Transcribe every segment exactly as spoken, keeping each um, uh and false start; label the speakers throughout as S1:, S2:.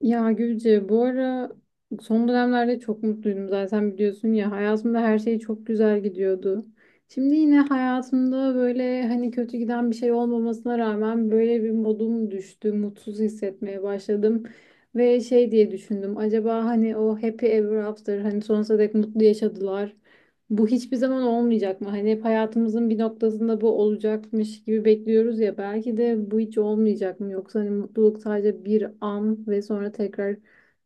S1: Ya Gülce, bu ara son dönemlerde çok mutluydum, zaten biliyorsun ya, hayatımda her şey çok güzel gidiyordu. Şimdi yine hayatımda böyle hani kötü giden bir şey olmamasına rağmen böyle bir modum düştü, mutsuz hissetmeye başladım. Ve şey diye düşündüm, acaba hani o happy ever after, hani sonsuza dek mutlu yaşadılar. Bu hiçbir zaman olmayacak mı? Hani hep hayatımızın bir noktasında bu olacakmış gibi bekliyoruz ya. Belki de bu hiç olmayacak mı? Yoksa hani mutluluk sadece bir an ve sonra tekrar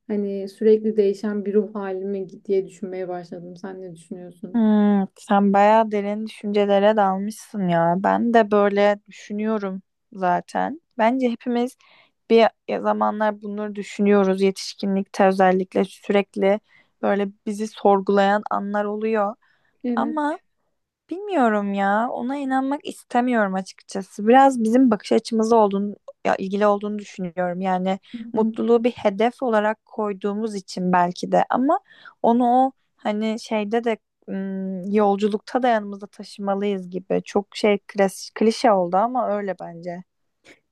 S1: hani sürekli değişen bir ruh halime mi diye düşünmeye başladım. Sen ne düşünüyorsun?
S2: Hmm, sen bayağı derin düşüncelere dalmışsın ya. Ben de böyle düşünüyorum zaten. Bence hepimiz bir zamanlar bunları düşünüyoruz. Yetişkinlikte özellikle sürekli böyle bizi sorgulayan anlar oluyor.
S1: Evet.
S2: Ama bilmiyorum ya. Ona inanmak istemiyorum açıkçası. Biraz bizim bakış açımızla olduğunu, ya ilgili olduğunu düşünüyorum. Yani
S1: Hı hı.
S2: mutluluğu bir hedef olarak koyduğumuz için belki de, ama onu o hani şeyde de ım, yolculukta da yanımızda taşımalıyız gibi. Çok şey klas- klişe oldu ama öyle bence.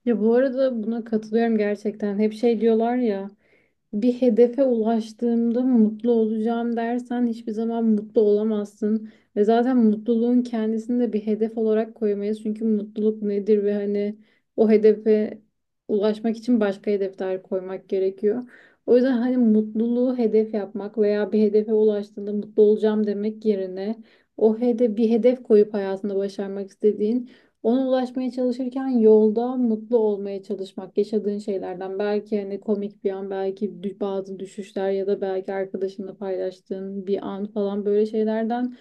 S1: Ya bu arada buna katılıyorum gerçekten. Hep şey diyorlar ya. Bir hedefe ulaştığımda mutlu olacağım dersen hiçbir zaman mutlu olamazsın. Ve zaten mutluluğun kendisini de bir hedef olarak koyamayız. Çünkü mutluluk nedir ve hani o hedefe ulaşmak için başka hedefler koymak gerekiyor. O yüzden hani mutluluğu hedef yapmak veya bir hedefe ulaştığında mutlu olacağım demek yerine o hede bir hedef koyup hayatında başarmak istediğin, ona ulaşmaya çalışırken yolda mutlu olmaya çalışmak, yaşadığın şeylerden, belki hani komik bir an, belki dü- bazı düşüşler ya da belki arkadaşınla paylaştığın bir an falan, böyle şeylerden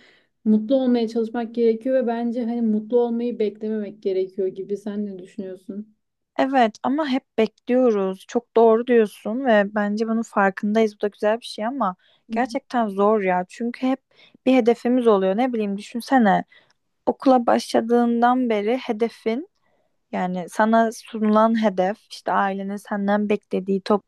S1: mutlu olmaya çalışmak gerekiyor ve bence hani mutlu olmayı beklememek gerekiyor gibi. Sen ne düşünüyorsun?
S2: Evet ama hep bekliyoruz. Çok doğru diyorsun ve bence bunun farkındayız. Bu da güzel bir şey ama
S1: Hı hı.
S2: gerçekten zor ya. Çünkü hep bir hedefimiz oluyor. Ne bileyim, düşünsene. Okula başladığından beri hedefin, yani sana sunulan hedef, işte ailenin senden beklediği top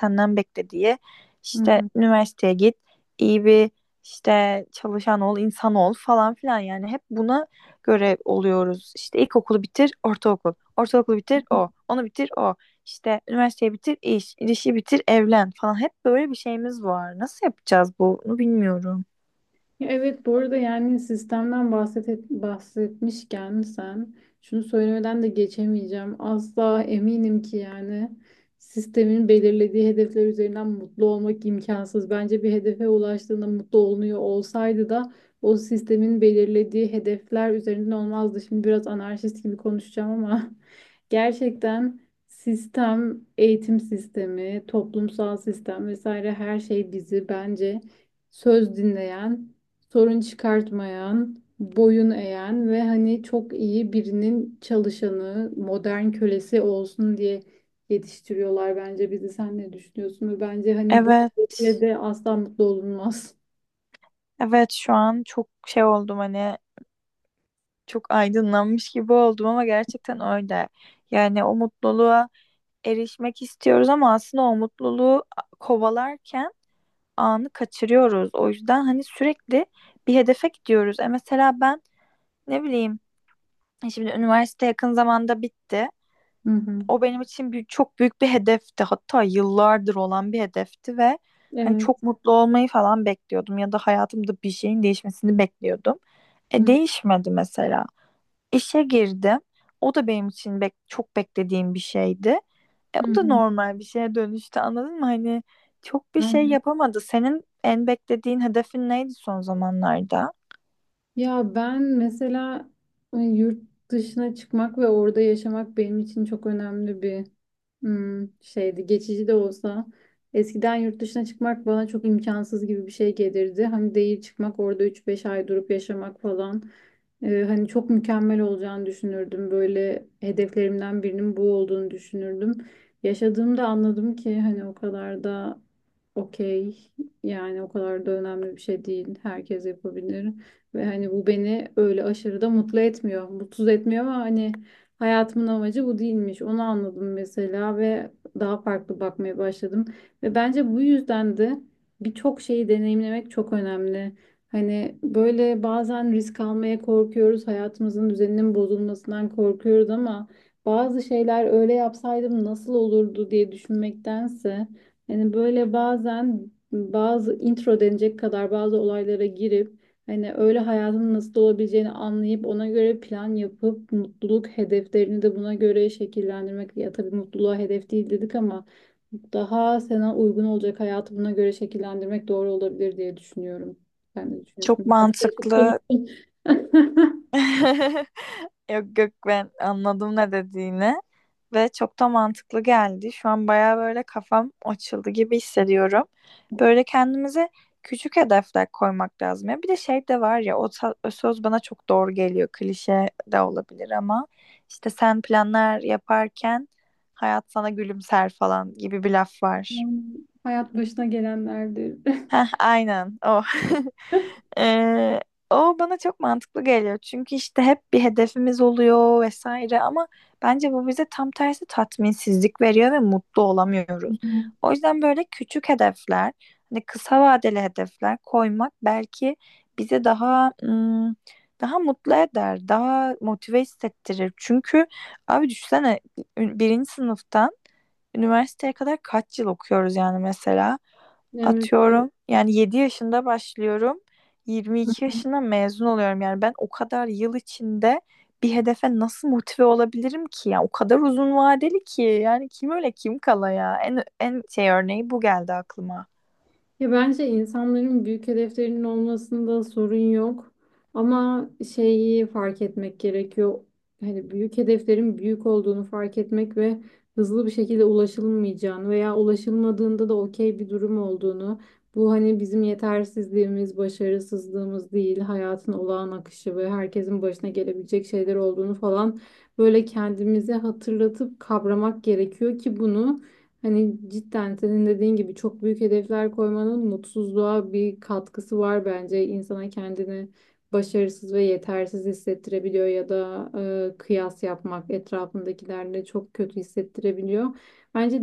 S2: senden beklediği, işte
S1: Hı
S2: üniversiteye git, iyi bir işte çalışan ol, insan ol falan filan. Yani hep buna göre oluyoruz: işte ilkokulu bitir, ortaokul, ortaokulu bitir,
S1: hı.
S2: o onu bitir, o işte üniversiteyi bitir, iş işi bitir, evlen falan. Hep böyle bir şeyimiz var, nasıl yapacağız bunu bilmiyorum.
S1: Ya evet, bu arada, yani sistemden bahset bahsetmişken sen, şunu söylemeden de geçemeyeceğim. Asla, eminim ki yani sistemin belirlediği hedefler üzerinden mutlu olmak imkansız. Bence bir hedefe ulaştığında mutlu olunuyor olsaydı da o sistemin belirlediği hedefler üzerinden olmazdı. Şimdi biraz anarşist gibi konuşacağım ama gerçekten sistem, eğitim sistemi, toplumsal sistem vesaire, her şey bizi bence söz dinleyen, sorun çıkartmayan, boyun eğen ve hani çok iyi birinin çalışanı, modern kölesi olsun diye yetiştiriyorlar bence bizi. Sen ne düşünüyorsun? Ve bence hani bu
S2: Evet.
S1: de asla mutlu olunmaz.
S2: Evet, şu an çok şey oldum, hani çok aydınlanmış gibi oldum ama gerçekten öyle. Yani o mutluluğa erişmek istiyoruz ama aslında o mutluluğu kovalarken anı kaçırıyoruz. O yüzden hani sürekli bir hedefe gidiyoruz. E mesela ben, ne bileyim, e şimdi üniversite yakın zamanda bitti.
S1: Hı hı.
S2: O benim için bir, çok büyük bir hedefti. Hatta yıllardır olan bir hedefti ve hani
S1: Evet.
S2: çok mutlu olmayı falan bekliyordum ya da hayatımda bir şeyin değişmesini bekliyordum.
S1: Hı
S2: E, değişmedi mesela. İşe girdim. O da benim için bek çok beklediğim bir şeydi. E,
S1: hı.
S2: o da
S1: Hı.
S2: normal bir şeye dönüştü, anladın mı? Hani çok bir şey
S1: Aynen.
S2: yapamadı. Senin en beklediğin hedefin neydi son zamanlarda?
S1: Ya ben mesela e, yurt dışına çıkmak ve orada yaşamak benim için çok önemli bir hmm, şeydi. Geçici de olsa. Eskiden yurt dışına çıkmak bana çok imkansız gibi bir şey gelirdi. Hani değil çıkmak, orada üç beş ay durup yaşamak falan. E, hani çok mükemmel olacağını düşünürdüm. Böyle hedeflerimden birinin bu olduğunu düşünürdüm. Yaşadığımda anladım ki hani o kadar da okey, yani o kadar da önemli bir şey değil. Herkes yapabilir. Ve hani bu beni öyle aşırı da mutlu etmiyor. Mutsuz etmiyor ama hani hayatımın amacı bu değilmiş. Onu anladım mesela ve daha farklı bakmaya başladım. Ve bence bu yüzden de birçok şeyi deneyimlemek çok önemli. Hani böyle bazen risk almaya korkuyoruz. Hayatımızın düzeninin bozulmasından korkuyoruz ama bazı şeyler, öyle yapsaydım nasıl olurdu diye düşünmektense, hani böyle bazen bazı intro denecek kadar bazı olaylara girip, hani öyle hayatın nasıl olabileceğini anlayıp, ona göre plan yapıp, mutluluk hedeflerini de buna göre şekillendirmek. Ya tabii mutluluğa hedef değil dedik ama daha sana uygun olacak hayatı buna göre şekillendirmek doğru olabilir diye düşünüyorum. Sen de
S2: Çok
S1: düşünüyorsun. Biraz karışık
S2: mantıklı.
S1: konuştum.
S2: Yok yok, ben anladım ne dediğini ve çok da mantıklı geldi. Şu an baya böyle kafam açıldı gibi hissediyorum. Böyle kendimize küçük hedefler koymak lazım. Ya bir de şey de var ya, o, ta- o söz bana çok doğru geliyor. Klişe de olabilir ama işte sen planlar yaparken hayat sana gülümser falan gibi bir laf var.
S1: Yani, hayat başına gelenlerdir.
S2: Heh, aynen o. Ee, o bana çok mantıklı geliyor. Çünkü işte hep bir hedefimiz oluyor vesaire ama bence bu bize tam tersi tatminsizlik veriyor ve mutlu
S1: Hı
S2: olamıyoruz.
S1: hı.
S2: O yüzden böyle küçük hedefler, hani kısa vadeli hedefler koymak belki bize daha ım, daha mutlu eder, daha motive hissettirir. Çünkü abi düşünsene, birinci sınıftan üniversiteye kadar kaç yıl okuyoruz yani mesela.
S1: Evet.
S2: Atıyorum, yani yedi yaşında başlıyorum. yirmi iki yaşında mezun oluyorum. Yani ben o kadar yıl içinde bir hedefe nasıl motive olabilirim ki? Yani o kadar uzun vadeli ki. Yani kim öyle kim kala ya. En, en şey örneği bu geldi aklıma.
S1: Ya bence insanların büyük hedeflerinin olmasında sorun yok. Ama şeyi fark etmek gerekiyor. Hani büyük hedeflerin büyük olduğunu fark etmek ve hızlı bir şekilde ulaşılmayacağını veya ulaşılmadığında da okey bir durum olduğunu. Bu hani bizim yetersizliğimiz, başarısızlığımız değil, hayatın olağan akışı ve herkesin başına gelebilecek şeyler olduğunu falan böyle kendimize hatırlatıp kavramak gerekiyor ki bunu. Hani cidden senin dediğin gibi çok büyük hedefler koymanın mutsuzluğa bir katkısı var bence. İnsana kendini başarısız ve yetersiz hissettirebiliyor ya da e, kıyas yapmak, etrafındakilerle, çok kötü hissettirebiliyor. Bence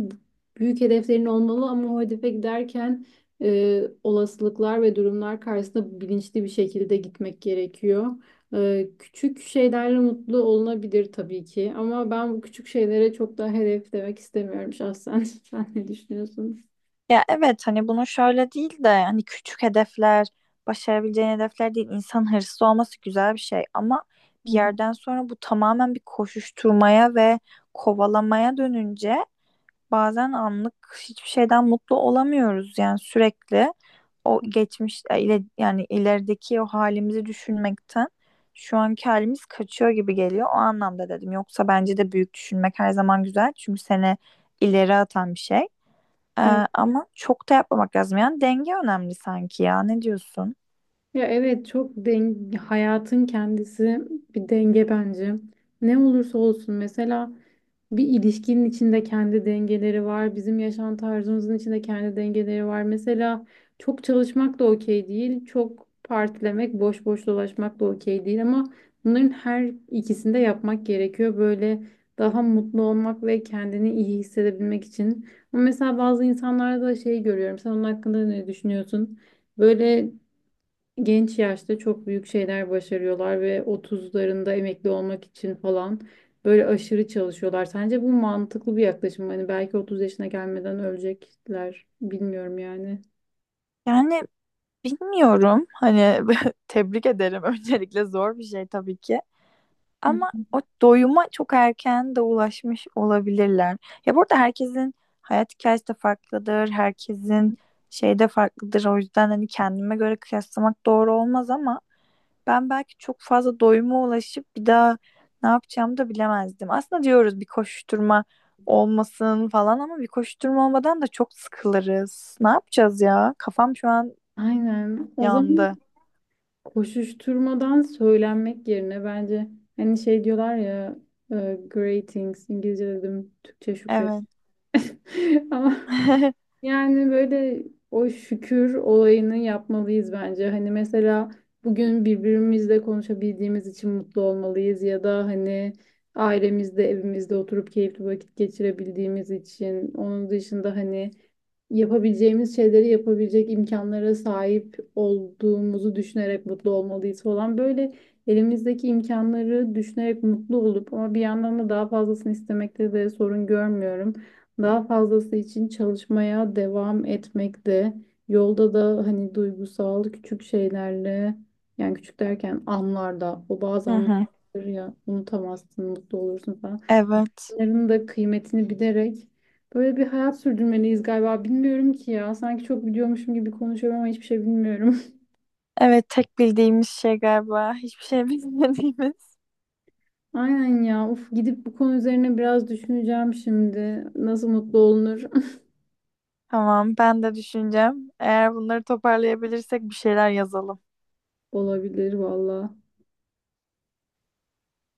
S1: büyük hedeflerin olmalı ama o hedefe giderken e, olasılıklar ve durumlar karşısında bilinçli bir şekilde gitmek gerekiyor. Ee, küçük şeylerle mutlu olunabilir tabii ki ama ben bu küçük şeylere çok da hedef demek istemiyorum şahsen. Sen ne düşünüyorsun?
S2: Ya evet, hani bunu şöyle değil de, hani küçük hedefler, başarabileceğin hedefler değil. İnsan hırslı olması güzel bir şey ama
S1: Hı
S2: bir
S1: hı.
S2: yerden sonra bu tamamen bir koşuşturmaya ve kovalamaya dönünce, bazen anlık hiçbir şeyden mutlu olamıyoruz. Yani sürekli o geçmiş e, ile, yani ilerideki o halimizi düşünmekten şu anki halimiz kaçıyor gibi geliyor, o anlamda dedim. Yoksa bence de büyük düşünmek her zaman güzel, çünkü seni ileri atan bir şey.
S1: Evet.
S2: Ee, ama çok da yapmamak lazım. Yani denge önemli sanki ya, ne diyorsun?
S1: Ya evet, çok den hayatın kendisi bir denge bence. Ne olursa olsun, mesela bir ilişkinin içinde kendi dengeleri var. Bizim yaşam tarzımızın içinde kendi dengeleri var. Mesela çok çalışmak da okey değil. Çok partilemek, boş boş dolaşmak da okey değil. Ama bunların her ikisini de yapmak gerekiyor. Böyle daha mutlu olmak ve kendini iyi hissedebilmek için. Ama mesela bazı insanlarda da şey görüyorum. Sen onun hakkında ne düşünüyorsun? Böyle genç yaşta çok büyük şeyler başarıyorlar ve otuzlarında emekli olmak için falan böyle aşırı çalışıyorlar. Sence bu mantıklı bir yaklaşım mı? Hani belki otuz yaşına gelmeden ölecekler. Bilmiyorum yani.
S2: Yani bilmiyorum hani, tebrik ederim öncelikle, zor bir şey tabii ki.
S1: Hı
S2: Ama
S1: hı.
S2: o doyuma çok erken de ulaşmış olabilirler. Ya burada herkesin hayat hikayesi de farklıdır. Herkesin şey de farklıdır. O yüzden hani kendime göre kıyaslamak doğru olmaz ama ben belki çok fazla doyuma ulaşıp bir daha ne yapacağımı da bilemezdim. Aslında diyoruz bir koşuşturma olmasın falan, ama bir koşuşturma olmadan da çok sıkılırız. Ne yapacağız ya? Kafam şu an
S1: Aynen. O zaman,
S2: yandı.
S1: koşuşturmadan söylenmek yerine, bence hani şey diyorlar ya, e, greetings. İngilizce dedim, Türkçe şükret.
S2: Evet.
S1: Ama, yani böyle o şükür olayını yapmalıyız bence. Hani mesela bugün birbirimizle konuşabildiğimiz için mutlu olmalıyız ya da hani ailemizde, evimizde oturup keyifli vakit geçirebildiğimiz için. Onun dışında hani yapabileceğimiz şeyleri yapabilecek imkanlara sahip olduğumuzu düşünerek mutlu olmalıyız falan. Böyle elimizdeki imkanları düşünerek mutlu olup ama bir yandan da daha fazlasını istemekte de sorun görmüyorum. Daha fazlası için çalışmaya devam etmekte. Yolda da hani duygusal küçük şeylerle, yani küçük derken anlarda, o bazı
S2: Hı
S1: anlar
S2: hı.
S1: ya, unutamazsın, mutlu olursun falan.
S2: Evet.
S1: Onların da kıymetini bilerek böyle bir hayat sürdürmeliyiz galiba. Bilmiyorum ki ya. Sanki çok biliyormuşum gibi konuşuyorum ama hiçbir şey bilmiyorum.
S2: Evet, tek bildiğimiz şey galiba. Hiçbir şey bilmediğimiz.
S1: Aynen ya. Uf, gidip bu konu üzerine biraz düşüneceğim şimdi. Nasıl mutlu olunur?
S2: Tamam, ben de düşüneceğim. Eğer bunları toparlayabilirsek bir şeyler yazalım.
S1: Olabilir valla.